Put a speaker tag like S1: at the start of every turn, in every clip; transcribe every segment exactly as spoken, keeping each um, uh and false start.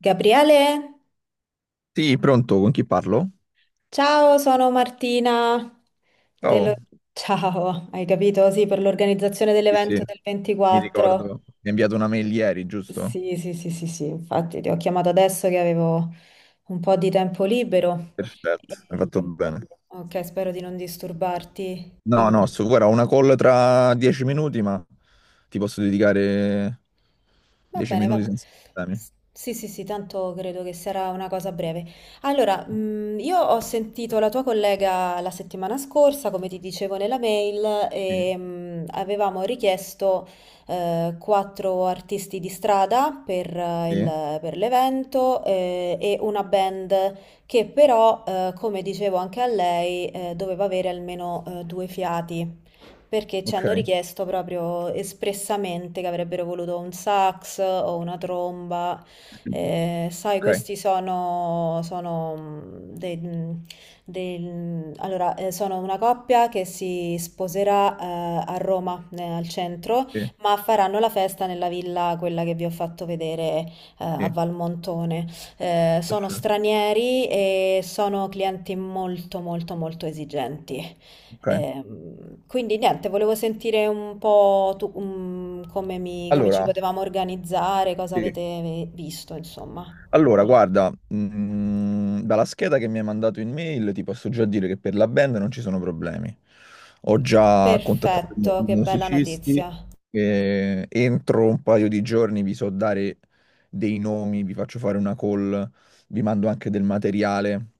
S1: Gabriele,
S2: Sì, pronto, con chi parlo?
S1: ciao, sono Martina
S2: Ciao.
S1: dello- Ciao, hai capito? Sì, per l'organizzazione
S2: Sì,
S1: dell'evento
S2: sì,
S1: del
S2: mi ricordo.
S1: ventiquattro.
S2: Mi hai inviato una mail ieri, giusto?
S1: Sì, sì, sì, sì, sì, infatti ti ho chiamato adesso che avevo un po' di tempo libero.
S2: Perfetto, hai fatto
S1: Ehm,
S2: bene.
S1: ok, spero di non disturbarti.
S2: No, no, su, guarda, ho una call tra dieci minuti, ma ti posso dedicare
S1: Va
S2: dieci
S1: bene,
S2: minuti
S1: va.
S2: senza problemi.
S1: S- Sì, sì, sì, tanto credo che sarà una cosa breve. Allora, mh, io ho sentito la tua collega la settimana scorsa, come ti dicevo nella mail,
S2: Sì,
S1: e mh, avevamo richiesto eh, quattro artisti di strada per, eh,
S2: sì,
S1: il- per l'evento eh, e una band che però, eh, come dicevo anche a lei, eh, doveva avere almeno eh, due fiati perché ci
S2: ok,
S1: hanno richiesto proprio espressamente che avrebbero voluto un sax o una tromba. Eh, sai,
S2: ok,
S1: questi sono, sono mm, dei, mm, dei- mm, allora, eh, sono una coppia che si sposerà, eh, a Roma, eh, al centro,
S2: sì,
S1: ma faranno la festa nella villa, quella che vi ho fatto vedere, eh, a
S2: sì,
S1: Valmontone. Eh, sono stranieri e sono clienti molto, molto, molto esigenti.
S2: ok.
S1: Ehm, quindi niente, volevo sentire un po' tu, mm, come, mi- come ci
S2: Allora,
S1: potevamo organizzare, cosa
S2: sì.
S1: avete visto, insomma.
S2: Allora, guarda, mm, dalla scheda che mi hai mandato in mail ti posso già dire che per la band non ci sono problemi. Ho già contattato i mu-
S1: Perfetto,
S2: i
S1: che bella
S2: musicisti
S1: notizia.
S2: e entro un paio di giorni vi so dare dei nomi, vi faccio fare una call, vi mando anche del materiale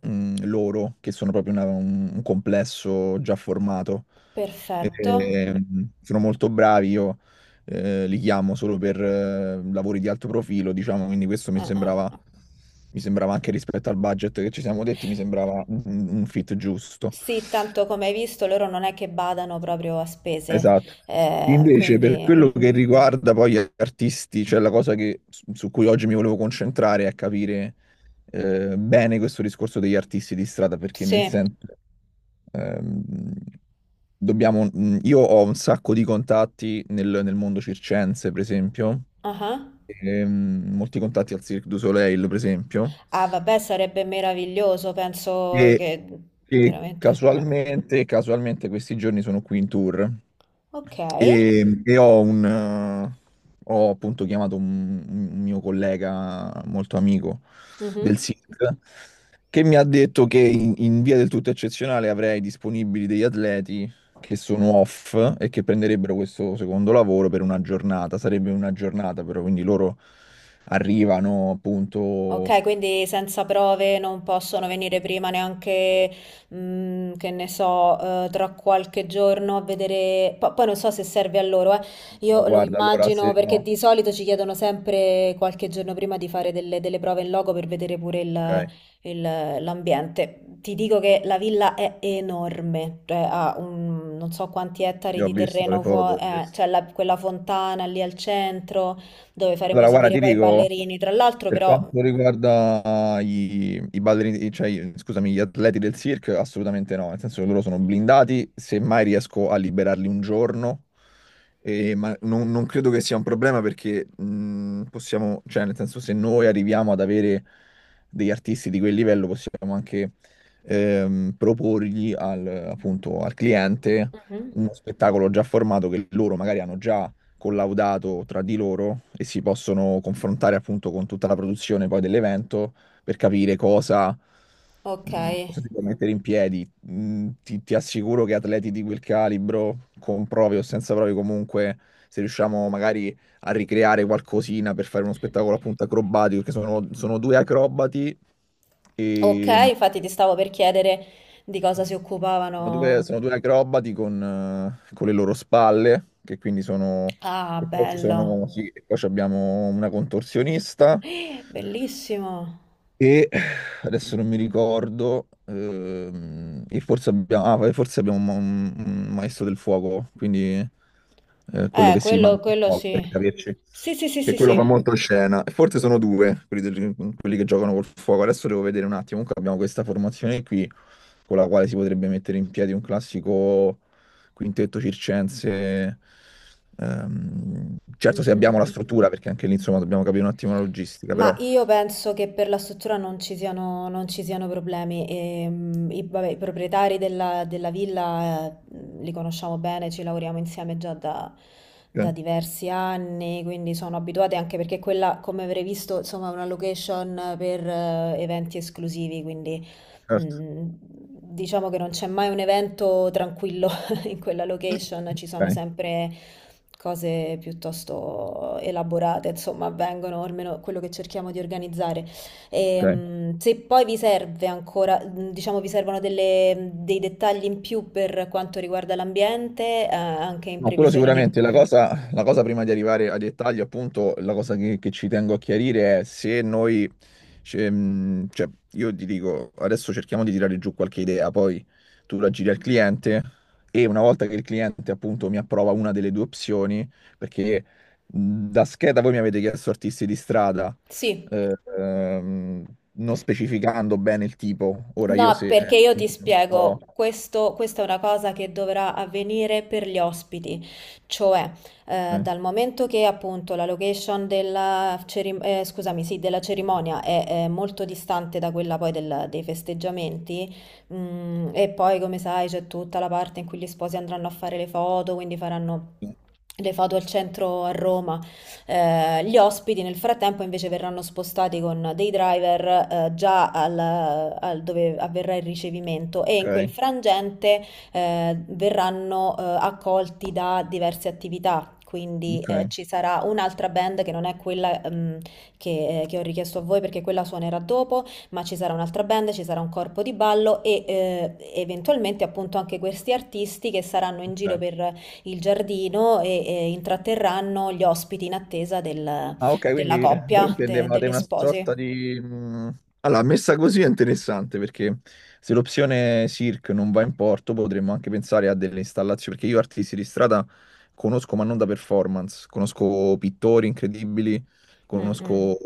S2: mm, loro, che sono proprio una- un, un complesso già formato.
S1: Perfetto.
S2: E, mm, sono molto bravi, io eh, li chiamo solo per eh, lavori di alto profilo, diciamo, quindi questo mi
S1: Ah, ah.
S2: sembrava, mi sembrava anche rispetto al budget che ci siamo detti, mi sembrava un, un fit giusto.
S1: Sì, tanto come hai visto, loro non è che badano proprio a spese,
S2: Esatto.
S1: eh,
S2: Invece,
S1: quindi
S2: per quello che riguarda poi gli artisti, cioè la cosa che- su su cui oggi mi volevo concentrare è capire eh, bene questo discorso degli artisti di strada, perché nel
S1: sì.
S2: senso, ehm, dobbiamo, mm, io ho un sacco di contatti nel, nel mondo circense, per esempio,
S1: Ah, ah.
S2: ehm, molti contatti al Cirque du Soleil, per esempio,
S1: Ah, vabbè, sarebbe meraviglioso, penso
S2: e,
S1: che
S2: e
S1: veramente.
S2: casualmente, casualmente questi giorni sono qui in tour.
S1: Ok.
S2: E, e ho un, eh, ho appunto chiamato un, un mio collega molto amico del
S1: Mhm.
S2: S I C che mi ha detto che in, in via del tutto eccezionale avrei disponibili degli atleti che sono off e che prenderebbero questo secondo lavoro per una giornata. Sarebbe una giornata però, quindi loro arrivano appunto.
S1: Ok, quindi senza prove non possono venire prima neanche, mm, che ne so, eh, tra qualche giorno a vedere. Po- poi non so se serve a loro, eh.
S2: "Oh,
S1: Io lo
S2: guarda, allora
S1: immagino
S2: se
S1: perché
S2: no,
S1: di solito ci chiedono sempre qualche giorno prima di fare delle, delle prove in loco per vedere pure il-
S2: ok,
S1: il- l'ambiente. Ti dico che la villa è enorme, cioè ha un, non so quanti
S2: sì,
S1: ettari
S2: ho
S1: di
S2: visto
S1: terreno
S2: le foto.
S1: fuori,
S2: Ho visto.
S1: c'è la- quella fontana lì al centro dove faremo
S2: Allora, guarda,
S1: esibire
S2: ti
S1: poi i
S2: dico.
S1: ballerini. Tra l'altro,
S2: Per
S1: però,
S2: quanto riguarda i, i ballerini, cioè, i- scusami, gli atleti del circo, assolutamente no, nel senso che loro sono blindati, semmai riesco a liberarli un giorno, e- ma non, non credo che sia un problema perché mh, possiamo, cioè nel senso se noi arriviamo ad avere degli artisti di quel livello possiamo anche ehm, proporgli al, appunto, al cliente
S1: mhm.
S2: uno spettacolo già formato che loro magari hanno già collaudato tra di loro e si possono confrontare appunto con tutta la produzione poi dell'evento per capire cosa,
S1: Ok,
S2: mh, cosa si può mettere in piedi. Mh, ti, ti assicuro che atleti di quel calibro, con prove o senza prove comunque, se riusciamo magari a ricreare qualcosina per fare uno spettacolo appunto acrobatico, perché sono, sono due acrobati
S1: ok,
S2: e...
S1: infatti ti stavo per chiedere di cosa si
S2: Sono due,
S1: occupavano.
S2: sono due acrobati con, eh, con le loro spalle, che quindi sono...
S1: Ah,
S2: E poi ci sono,
S1: bello,
S2: sì, e poi ci abbiamo una contorsionista
S1: eh, bellissimo.
S2: e adesso non mi ricordo, ehm, e forse abbiamo, ah, forse abbiamo un, un maestro del fuoco, quindi eh, quello
S1: Eh,
S2: che si
S1: quello,
S2: mangia il
S1: quello
S2: fuoco,
S1: sì.
S2: per capirci
S1: Sì, sì, sì,
S2: che
S1: sì,
S2: quello fa
S1: sì.
S2: molto scena. Forse sono due quelli, del- quelli che giocano col fuoco. Adesso devo vedere un attimo. Comunque abbiamo questa formazione qui con la quale si potrebbe mettere in piedi un classico quintetto circense. Ehm,
S1: Mm,
S2: certo, se
S1: mm, mm.
S2: abbiamo la struttura, perché anche lì insomma dobbiamo capire un attimo la logistica,
S1: Ma
S2: però.
S1: io penso che per la struttura non ci siano, non ci siano problemi. E, mm, i, vabbè, i proprietari della, della villa eh, li conosciamo bene, ci lavoriamo insieme già da, da
S2: Ok,
S1: diversi anni, quindi sono abituati anche perché quella, come avrei visto, insomma, è una location per eh, eventi esclusivi, quindi
S2: certo.
S1: mm, diciamo che non c'è mai un evento tranquillo in quella location ci sono
S2: Ok,
S1: sempre cose piuttosto elaborate, insomma, avvengono, almeno quello che cerchiamo di organizzare. E,
S2: ok.
S1: mh, se poi vi serve ancora, mh, diciamo, vi servono delle- dei dettagli in più per quanto riguarda l'ambiente, eh, anche in
S2: No, quello
S1: previsione dei...
S2: sicuramente. La cosa, la cosa prima di arrivare ai dettagli, appunto, la cosa che, che ci tengo a chiarire è se noi, ce- mh, cioè, io ti dico, adesso cerchiamo di tirare giù qualche idea, poi tu la giri al cliente e una volta che il cliente, appunto, mi approva una delle due opzioni, perché mh, da scheda voi mi avete chiesto artisti di strada,
S1: Sì.
S2: eh, ehm, non specificando bene il tipo. Ora io
S1: No,
S2: se...
S1: perché
S2: eh,
S1: io ti
S2: un po',
S1: spiego, questo, questa è una cosa che dovrà avvenire per gli ospiti, cioè eh,
S2: eh,
S1: dal momento che appunto la location della, cerim- eh, scusami, sì, della cerimonia è, è molto distante da quella poi del- dei festeggiamenti, mm, e poi come sai c'è tutta la parte in cui gli sposi andranno a fare le foto, quindi faranno le foto al centro a Roma. Eh, gli ospiti nel frattempo invece verranno spostati con dei driver eh, già al, al dove avverrà il ricevimento e
S2: ok,
S1: in quel frangente eh, verranno eh, accolti da diverse attività. Quindi
S2: ok,
S1: eh, ci sarà un'altra band che non è quella ehm, che, eh, che ho richiesto a voi perché quella suonerà dopo, ma ci sarà un'altra band, ci sarà un corpo di ballo e eh, eventualmente appunto anche questi artisti che saranno in giro
S2: ok.
S1: per il giardino e, e intratterranno gli ospiti in attesa del-
S2: Ah, ok,
S1: della
S2: quindi voi
S1: coppia, de-
S2: intendevate
S1: degli
S2: una sorta
S1: sposi.
S2: di... mh, allora, messa così è interessante perché se l'opzione S I R C non va in porto potremmo anche pensare a delle installazioni, perché io artisti di strada conosco ma non da performance, conosco pittori incredibili,
S1: Mm, mm.
S2: conosco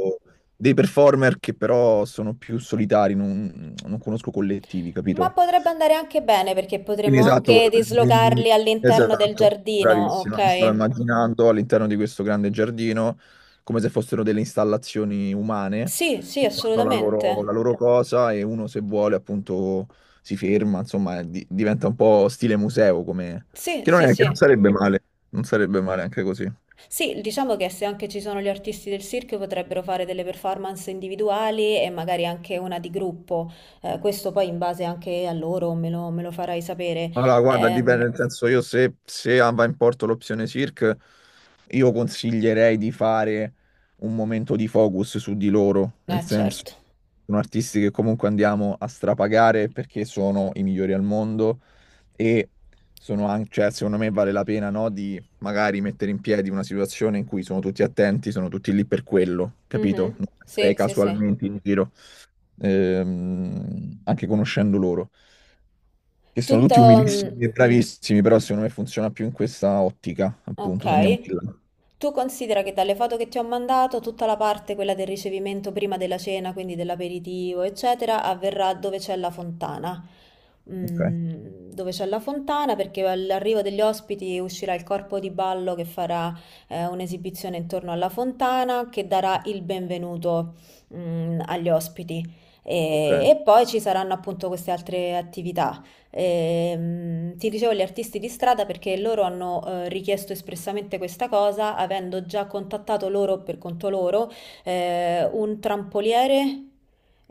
S2: dei performer che però sono più solitari, non, non conosco collettivi,
S1: Ma
S2: capito?
S1: potrebbe andare anche bene perché potremmo
S2: Quindi Quindi, esatto,
S1: anche dislocarli
S2: mi-
S1: all'interno del
S2: esatto,
S1: giardino,
S2: bravissima. Mi stavo
S1: ok?
S2: immaginando all'interno di questo grande giardino come se fossero delle installazioni umane
S1: Sì, sì,
S2: che fanno la loro, la
S1: assolutamente.
S2: loro cosa e uno se vuole appunto si ferma, insomma, e di- diventa un po' stile museo come...
S1: Sì,
S2: che non
S1: sì,
S2: è, che non
S1: sì.
S2: sarebbe male, non sarebbe male anche così.
S1: Sì, diciamo che se anche ci sono gli artisti del circo potrebbero fare delle performance individuali e magari anche una di gruppo. Eh, questo poi in base anche a loro me lo, me lo farai sapere.
S2: Allora, guarda, dipende,
S1: Ehm,
S2: nel senso io se, se va in porto l'opzione Cirque, io consiglierei di fare un momento di focus su di loro, nel
S1: eh,
S2: senso
S1: certo.
S2: sono artisti che comunque andiamo a strapagare perché sono i migliori al mondo e sono anche, cioè, secondo me vale la pena, no, di magari mettere in piedi una situazione in cui sono tutti attenti, sono tutti lì per quello,
S1: Mhm.
S2: capito? Non
S1: Sì,
S2: metterei
S1: sì, sì.
S2: casualmente in giro, ehm, anche conoscendo loro che sono tutti
S1: Tutto, mm,
S2: umilissimi e bravissimi, però secondo me funziona più in questa ottica, appunto, se andiamo di
S1: ok.
S2: là.
S1: Tu considera che dalle foto che ti ho mandato, tutta la parte, quella del ricevimento prima della cena, quindi dell'aperitivo, eccetera, avverrà dove c'è la fontana.
S2: Ok,
S1: Mm, dove c'è la fontana, perché all'arrivo degli ospiti uscirà il corpo di ballo che farà eh, un'esibizione intorno alla fontana che darà il benvenuto mm, agli ospiti.
S2: ok.
S1: E, e poi ci saranno appunto queste altre attività. Ehm, ti dicevo gli artisti di strada perché loro hanno eh, richiesto espressamente questa cosa, avendo già contattato loro per conto loro eh, un trampoliere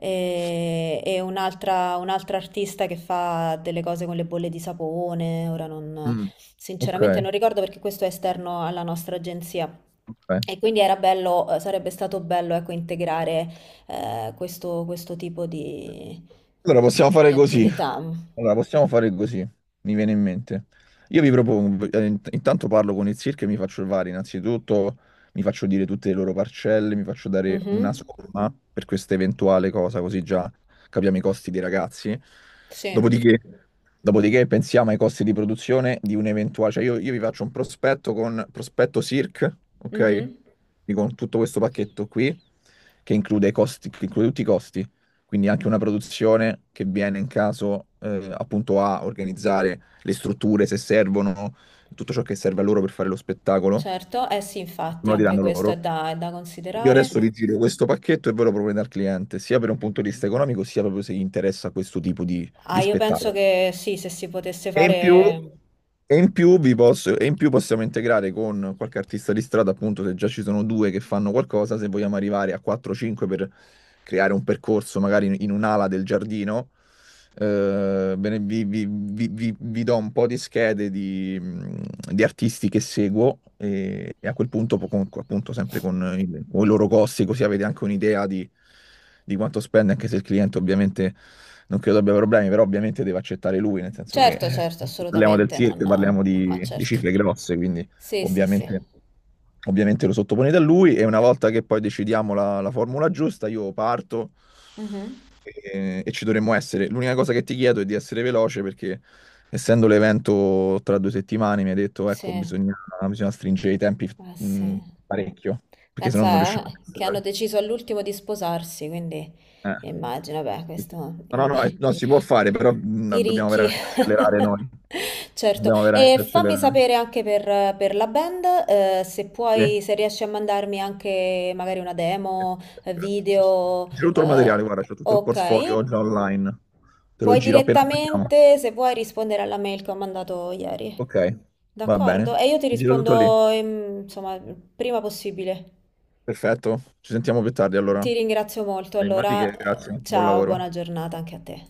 S1: e, e un'altra un'altra artista che fa delle cose con le bolle di sapone. Ora non,
S2: Mm, ok,
S1: Sinceramente non ricordo perché questo è esterno alla nostra agenzia.
S2: ok.
S1: E quindi era bello, eh, sarebbe stato bello, ecco, integrare eh, questo, questo tipo di,
S2: Allora possiamo
S1: di
S2: fare così.
S1: attività.
S2: Allora, possiamo fare così, mi viene in mente. Io vi propongo, eh, int- intanto parlo con il circo e mi faccio il V A R. Innanzitutto mi faccio dire tutte le loro parcelle, mi faccio dare
S1: Mh-mh.
S2: una somma per questa eventuale cosa, così già capiamo i costi dei ragazzi.
S1: Sì.
S2: Dopodiché, dopodiché pensiamo ai costi di produzione di un eventuale... Cioè io, io vi faccio un prospetto con prospetto circ,
S1: Mh-mh.
S2: ok? Quindi con tutto questo pacchetto qui, che include i costi, che include tutti i costi quindi anche una produzione che viene in caso eh, appunto a organizzare le strutture se servono, tutto ciò che serve a loro per fare lo spettacolo,
S1: Certo, eh sì, infatti
S2: me lo
S1: anche
S2: diranno
S1: questo è
S2: loro.
S1: da è da
S2: Io
S1: considerare.
S2: adesso vi giro questo pacchetto e ve lo proponete al cliente, sia per un punto di vista economico, sia proprio se gli interessa questo tipo di,
S1: Ah,
S2: di
S1: io penso
S2: spettacolo.
S1: che sì, se si potesse
S2: E in più,
S1: fare
S2: e in più vi posso- e in più possiamo integrare con qualche artista di strada, appunto, se già ci sono due che fanno qualcosa, se vogliamo arrivare a quattro cinque per creare un percorso magari in, in un'ala del giardino. Eh, bene, vi, vi- vi- vi- vi do un po' di schede di, mm, di artisti che seguo e, e a quel punto, po- con- appunto, sempre con il- con i loro costi, così avete anche un'idea di, di quanto spende, anche se il cliente ovviamente non credo abbia problemi, però ovviamente deve accettare lui, nel senso che
S1: certo,
S2: eh,
S1: certo,
S2: parliamo del
S1: assolutamente non
S2: circo, parliamo
S1: ma
S2: di, di
S1: certo.
S2: cifre grosse, quindi...
S1: Sì, sì, sì.
S2: Ovviamente, ovviamente lo sottoponete a lui e una volta che poi decidiamo la, la formula giusta, io parto
S1: Mh-mh.
S2: e, e ci dovremmo essere. L'unica cosa che ti chiedo è di essere veloce perché essendo l'evento tra due settimane mi hai detto, ecco,
S1: Sì.
S2: bisogna, bisogna stringere i tempi
S1: Ah sì.
S2: mh, parecchio, perché sennò non
S1: Pensa,
S2: riusciamo a
S1: eh, che hanno
S2: cancellare.
S1: deciso all'ultimo di sposarsi, quindi
S2: Eh.
S1: immagino, beh,
S2: Sì, sì.
S1: questo
S2: No, no,
S1: i,
S2: no, eh, no, si può fare, però mh,
S1: i
S2: dobbiamo
S1: ricchi.
S2: veramente accelerare noi.
S1: Certo.
S2: Dobbiamo
S1: E
S2: veramente
S1: fammi
S2: accelerare.
S1: sapere anche per, per la band, eh, se
S2: Sì.
S1: puoi, se riesci a mandarmi anche magari una demo, eh,
S2: Perfetto, sì, sì.
S1: video,
S2: Giro tutto il
S1: eh,
S2: materiale, guarda, c'ho tutto il
S1: ok.
S2: portfolio già online. Te lo
S1: Puoi
S2: giro appena attacchiamo.
S1: direttamente, se vuoi, rispondere alla mail che ho mandato ieri.
S2: Ok, va bene.
S1: D'accordo, e io ti
S2: Ti giro tutto lì.
S1: rispondo, ehm, insomma, prima possibile.
S2: Perfetto, ci sentiamo più tardi allora.
S1: Ti ringrazio molto,
S2: Animati
S1: allora,
S2: che
S1: eh,
S2: grazie, buon
S1: ciao, buona
S2: lavoro.
S1: giornata anche a te.